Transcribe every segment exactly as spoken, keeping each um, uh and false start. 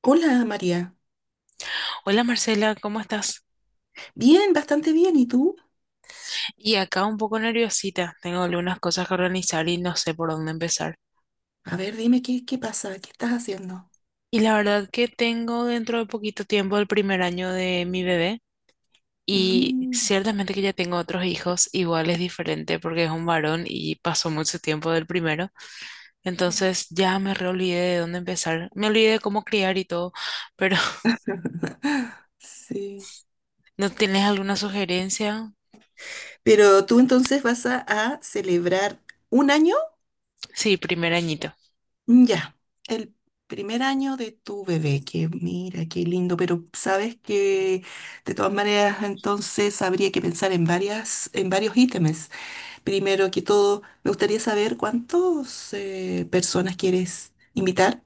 Hola María, Hola Marcela, ¿cómo estás? bien, bastante bien. ¿Y tú? Y acá un poco nerviosita, tengo algunas cosas que organizar y no sé por dónde empezar. A ver, dime qué, qué pasa, qué estás haciendo. Y la verdad que tengo dentro de poquito tiempo el primer año de mi bebé y Mm, ciertamente que ya tengo otros hijos, igual es diferente porque es un varón y pasó mucho tiempo del primero, entonces ya me reolvidé de dónde empezar, me olvidé de cómo criar y todo, pero sí. ¿no tienes alguna sugerencia? Pero tú entonces vas a, a celebrar un año, Sí, primer añito. Mm, ya, el primer año de tu bebé, que mira, qué lindo, pero sabes que de todas maneras entonces habría que pensar en varias, en varios ítems. Primero que todo, me gustaría saber cuántas personas quieres invitar.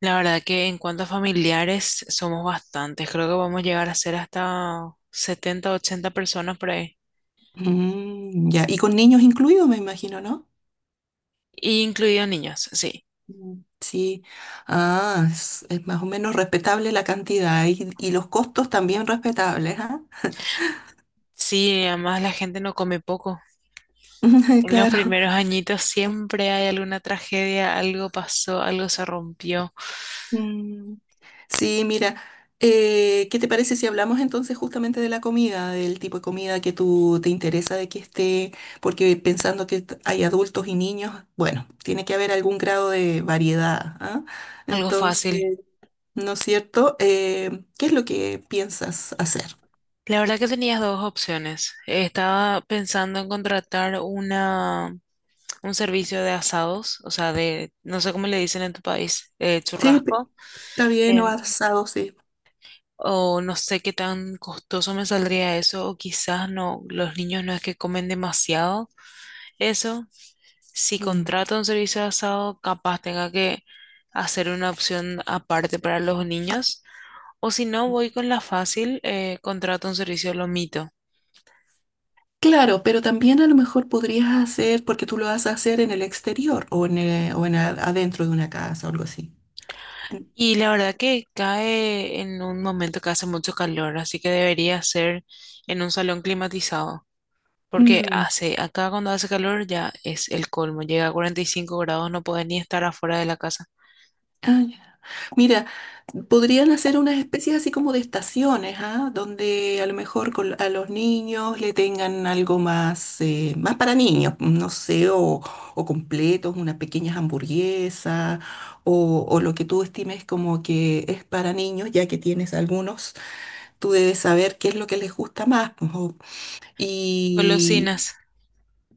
La verdad que en cuanto a familiares somos bastantes, creo que vamos a llegar a ser hasta setenta ochenta personas por ahí, Mm, ya, y con niños incluidos, me imagino, ¿no? y incluidos niños, sí. Mm. Sí, ah, es, es más o menos respetable la cantidad y, y los costos también respetables, ¿ah? Sí, además la gente no come poco. En los Claro. primeros añitos siempre hay alguna tragedia, algo pasó, algo se rompió, Mm, sí, mira, eh, ¿qué te parece si hablamos entonces justamente de la comida, del tipo de comida que tú te interesa de que esté, porque pensando que t- hay adultos y niños, bueno, tiene que haber algún grado de variedad, ¿ah? algo fácil. Entonces. ¿No es cierto? Eh, ¿qué es lo que piensas hacer? La verdad que tenías dos opciones. Estaba pensando en contratar una, un servicio de asados, o sea, de, no sé cómo le dicen en tu país, eh, Sí, pe- churrasco. está bien o Em, asado, sí. o no sé qué tan costoso me saldría eso, o quizás no, los niños no es que comen demasiado eso. Si Mm. contrato un servicio de asado, capaz tenga que hacer una opción aparte para los niños, o si no, voy con la fácil, eh, contrato un servicio de lomito. Claro, pero también a lo mejor podrías hacer, porque tú lo vas a hacer en el exterior o en, eh, o en a- adentro de una casa o algo así. Y la verdad que cae en un momento que hace mucho calor, así que debería ser en un salón climatizado. Porque Mm. hace, acá cuando hace calor ya es el colmo. Llega a cuarenta y cinco grados, no puede ni estar afuera de la casa. Ah, ya. Mira, podrían hacer unas especies así como de estaciones, ¿ah? Donde a lo mejor con- a los niños le tengan algo más, eh, más para niños, no sé, o, o completos, unas pequeñas hamburguesas, o, o lo que tú estimes como que es para niños, ya que tienes algunos, tú debes saber qué es lo que les gusta más, pues, o- y Golosinas.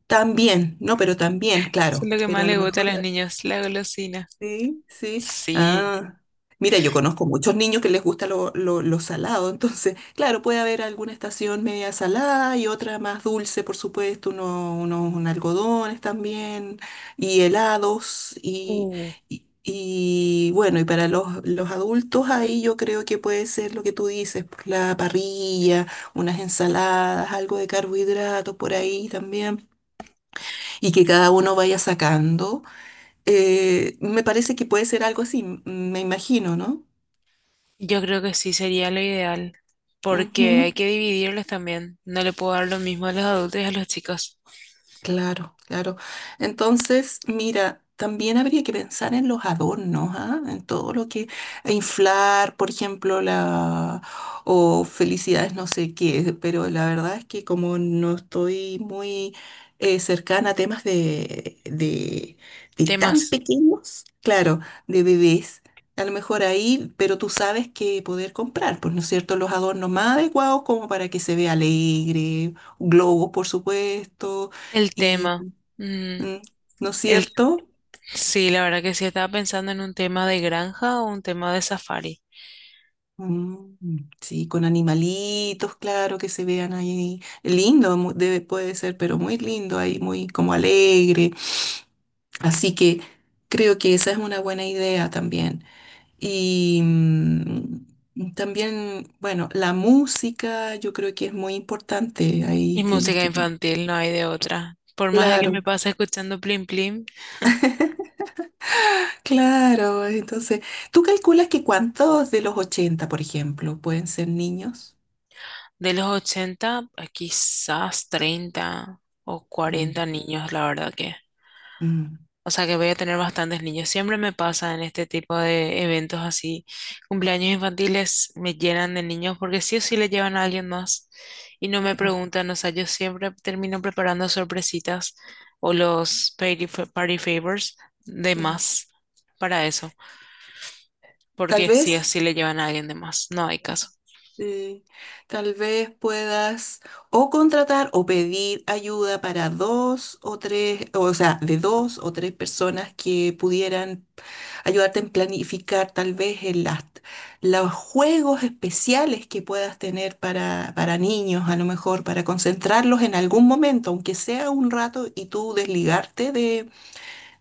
también, no, pero también, Eso claro, es lo que pero más a lo le gusta a mejor. los niños, la golosina. Sí, sí. Sí. Ah, mira, yo conozco muchos niños que les gusta lo, lo, lo salado, entonces, claro, puede haber alguna estación media salada y otra más dulce, por supuesto, uno- unos algodones también, y helados, y, Uh, y, y, bueno, y para los, los adultos ahí yo creo que puede ser lo que tú dices, pues, la parrilla, unas ensaladas, algo de carbohidratos por ahí también, y que cada uno vaya sacando. Eh, me parece que puede ser algo así, m- me imagino, no. yo creo que sí sería lo ideal. Porque hay Ujú. que dividirles también. No le puedo dar lo mismo a los adultos y a los chicos. Claro, claro. Entonces, mira, también habría que pensar en los adornos, ¿ah? En todo lo que e inflar, por ejemplo, la o felicidades no sé qué, pero la verdad es que como no estoy muy eh, cercana a temas de, de, de tan Temas. pequeños, claro, de bebés. A lo mejor ahí, pero tú sabes que poder comprar, pues, ¿no es cierto? Los adornos más adecuados como para que se vea alegre, globos, por supuesto El y, tema. mm, mm, ¿no es el, cierto? sí, la verdad que sí estaba pensando en un tema de granja o un tema de safari. Mm, sí, con animalitos, claro, que se vean ahí. Lindo mu- debe, puede ser, pero muy lindo ahí, muy como alegre. Así que creo que esa es una buena idea también. Y mm, también, bueno, la música yo creo que es muy importante. Y Ahí tienes música que. infantil, no hay de otra. Por más de que me Claro, pase escuchando Plim Plim, claro. Entonces, ¿tú calculas que cuántos de los ochenta, por ejemplo, pueden ser niños? de los ochenta a quizás treinta o cuarenta Mm, niños, la verdad que. mm. O sea que voy a tener bastantes niños. Siempre me pasa en este tipo de eventos así. Cumpleaños infantiles me llenan de niños porque sí o sí le llevan a alguien más y no me preguntan. O sea, yo siempre termino preparando sorpresitas o los party, party favors de Mm, más para eso, Tal porque sí o vez, sí le llevan a alguien de más, no hay caso. eh, tal vez puedas o contratar o pedir ayuda para dos o tres, o sea, de dos o tres personas que pudieran ayudarte en planificar tal vez en las, los juegos especiales que puedas tener para, para niños, a lo mejor, para concentrarlos en algún momento, aunque sea un rato, y tú desligarte de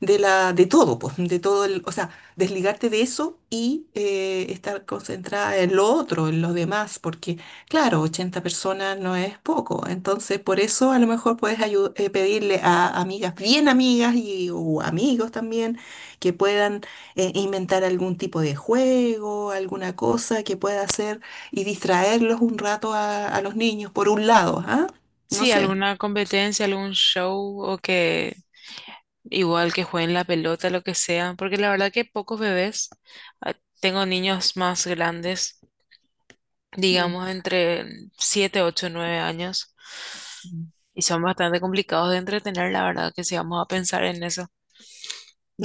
de la, de todo, pues, de todo el, o sea, desligarte de eso y eh, estar concentrada en lo otro, en los demás, porque claro, ochenta personas no es poco, entonces por eso a lo mejor puedes ayu- eh, pedirle a amigas, bien amigas y o amigos también, que puedan eh, inventar algún tipo de juego, alguna cosa que pueda hacer y distraerlos un rato a, a los niños, por un lado, ¿ah? No Sí, sé. alguna competencia, algún show o que igual que jueguen la pelota, lo que sea, porque la verdad que pocos bebés, ah, tengo niños más grandes, Mm. digamos entre siete ocho nueve años, y son bastante complicados de entretener, la verdad que si vamos a pensar en eso,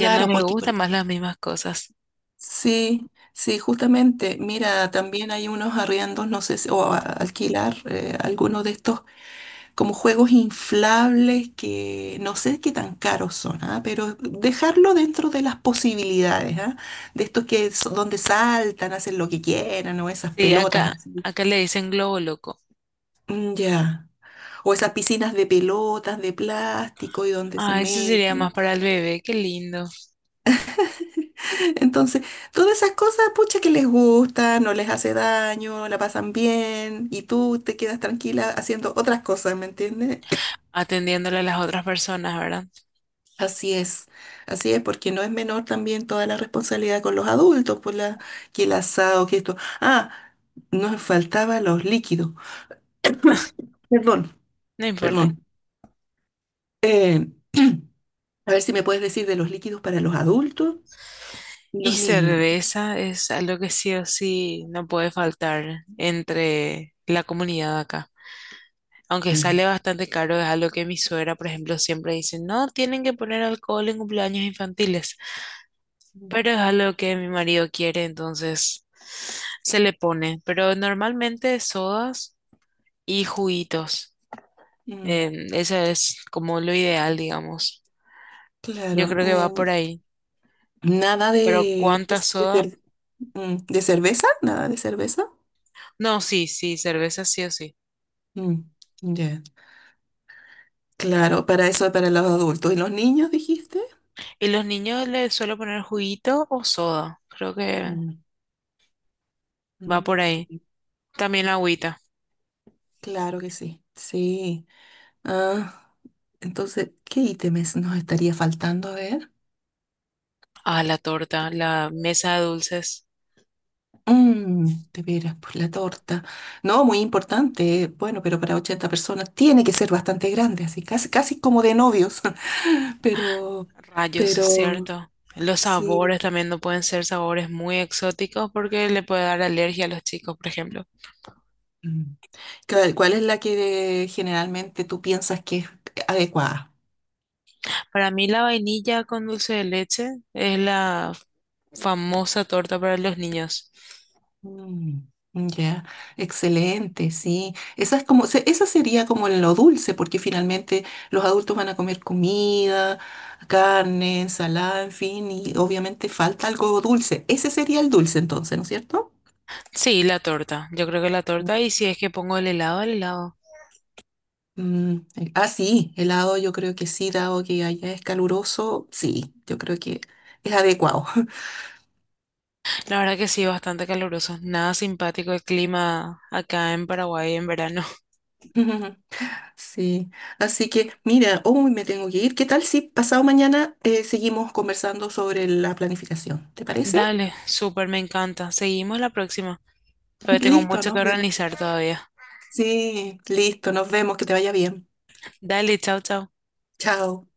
ya no les porque. gustan más las mismas cosas. Sí, sí, justamente, mira, también hay unos arriendos, no sé si, o a- alquilar eh, algunos de estos como juegos inflables que no sé qué tan caros son, ¿ah? Pero dejarlo dentro de las posibilidades, ¿ah? De estos que son donde saltan, hacen lo que quieran, o esas Sí, pelotas acá, así. acá le dicen globo loco. Mm, ya. O esas piscinas de pelotas de plástico y donde se Ah, eso sería más meten. para el bebé, qué lindo. Entonces, todas esas cosas, pucha, que les gusta, no les hace daño, la pasan bien y tú te quedas tranquila haciendo otras cosas, ¿me entiendes? Atendiéndole a las otras personas, ¿verdad? Así es, así es, porque no es menor también toda la responsabilidad con los adultos, por la, que el asado, que esto. Ah, nos faltaban los líquidos. Perdón, No importa. perdón. Eh, a ver si me puedes decir de los líquidos para los adultos y Y los niños. cerveza es algo que sí o sí no puede faltar entre la comunidad acá. Aunque Mm. sale bastante caro, es algo que mi suegra, por ejemplo, siempre dice, no tienen que poner alcohol en cumpleaños infantiles, pero es algo que mi marido quiere, entonces se le pone. Pero normalmente sodas y juguitos. Mm, Eh, eso es como lo ideal, digamos. Yo claro, creo que va por em, ahí. nada Pero de, ¿cuántas sodas? de, Mm, ¿De cerveza? Nada de cerveza. No, sí, sí, cerveza sí o sí. Mm, ya. Claro, para eso es para los adultos. ¿Y los niños, dijiste? ¿Y los niños les suelo poner juguito o soda? Creo que Mm, va por mm, ahí. sí. También la agüita. Claro que sí. Sí. Ah, entonces, ¿qué ítems nos estaría faltando? A ver. Ah, la torta, la mesa de dulces. Mm, de veras, pues la torta. No, muy importante. Bueno, pero para ochenta personas tiene que ser bastante grande, así casi, casi como de novios. Pero, Rayos, es pero, cierto. Los sabores sí. también no pueden ser sabores muy exóticos porque le puede dar alergia a los chicos, por ejemplo. Mm. ¿Cuál cuál es la que generalmente tú piensas que es adecuada? Para mí la vainilla con dulce de leche es la famosa torta para los niños. Mm, ya, excelente, sí. Esa es como, se- esa sería como lo dulce, porque finalmente los adultos van a comer comida, carne, ensalada, en fin, y obviamente falta algo dulce. Ese sería el dulce entonces, ¿no es cierto? Sí, la torta. Yo creo que la torta. Y si es que pongo el helado, el helado. Mm, el- ah, sí, helado yo creo que sí, dado que allá es caluroso, sí, yo creo que es adecuado. La verdad que sí, bastante caluroso. Nada simpático el clima acá en Paraguay en verano. Sí, así que mira, hoy me tengo que ir. ¿Qué tal si pasado mañana eh, seguimos conversando sobre la planificación? ¿Te parece? Dale, súper, me encanta. Seguimos la próxima. Todavía tengo Listo, mucho que nos vemos. organizar todavía. Sí, listo, nos vemos, que te vaya bien. Dale, chao, chao. Chao.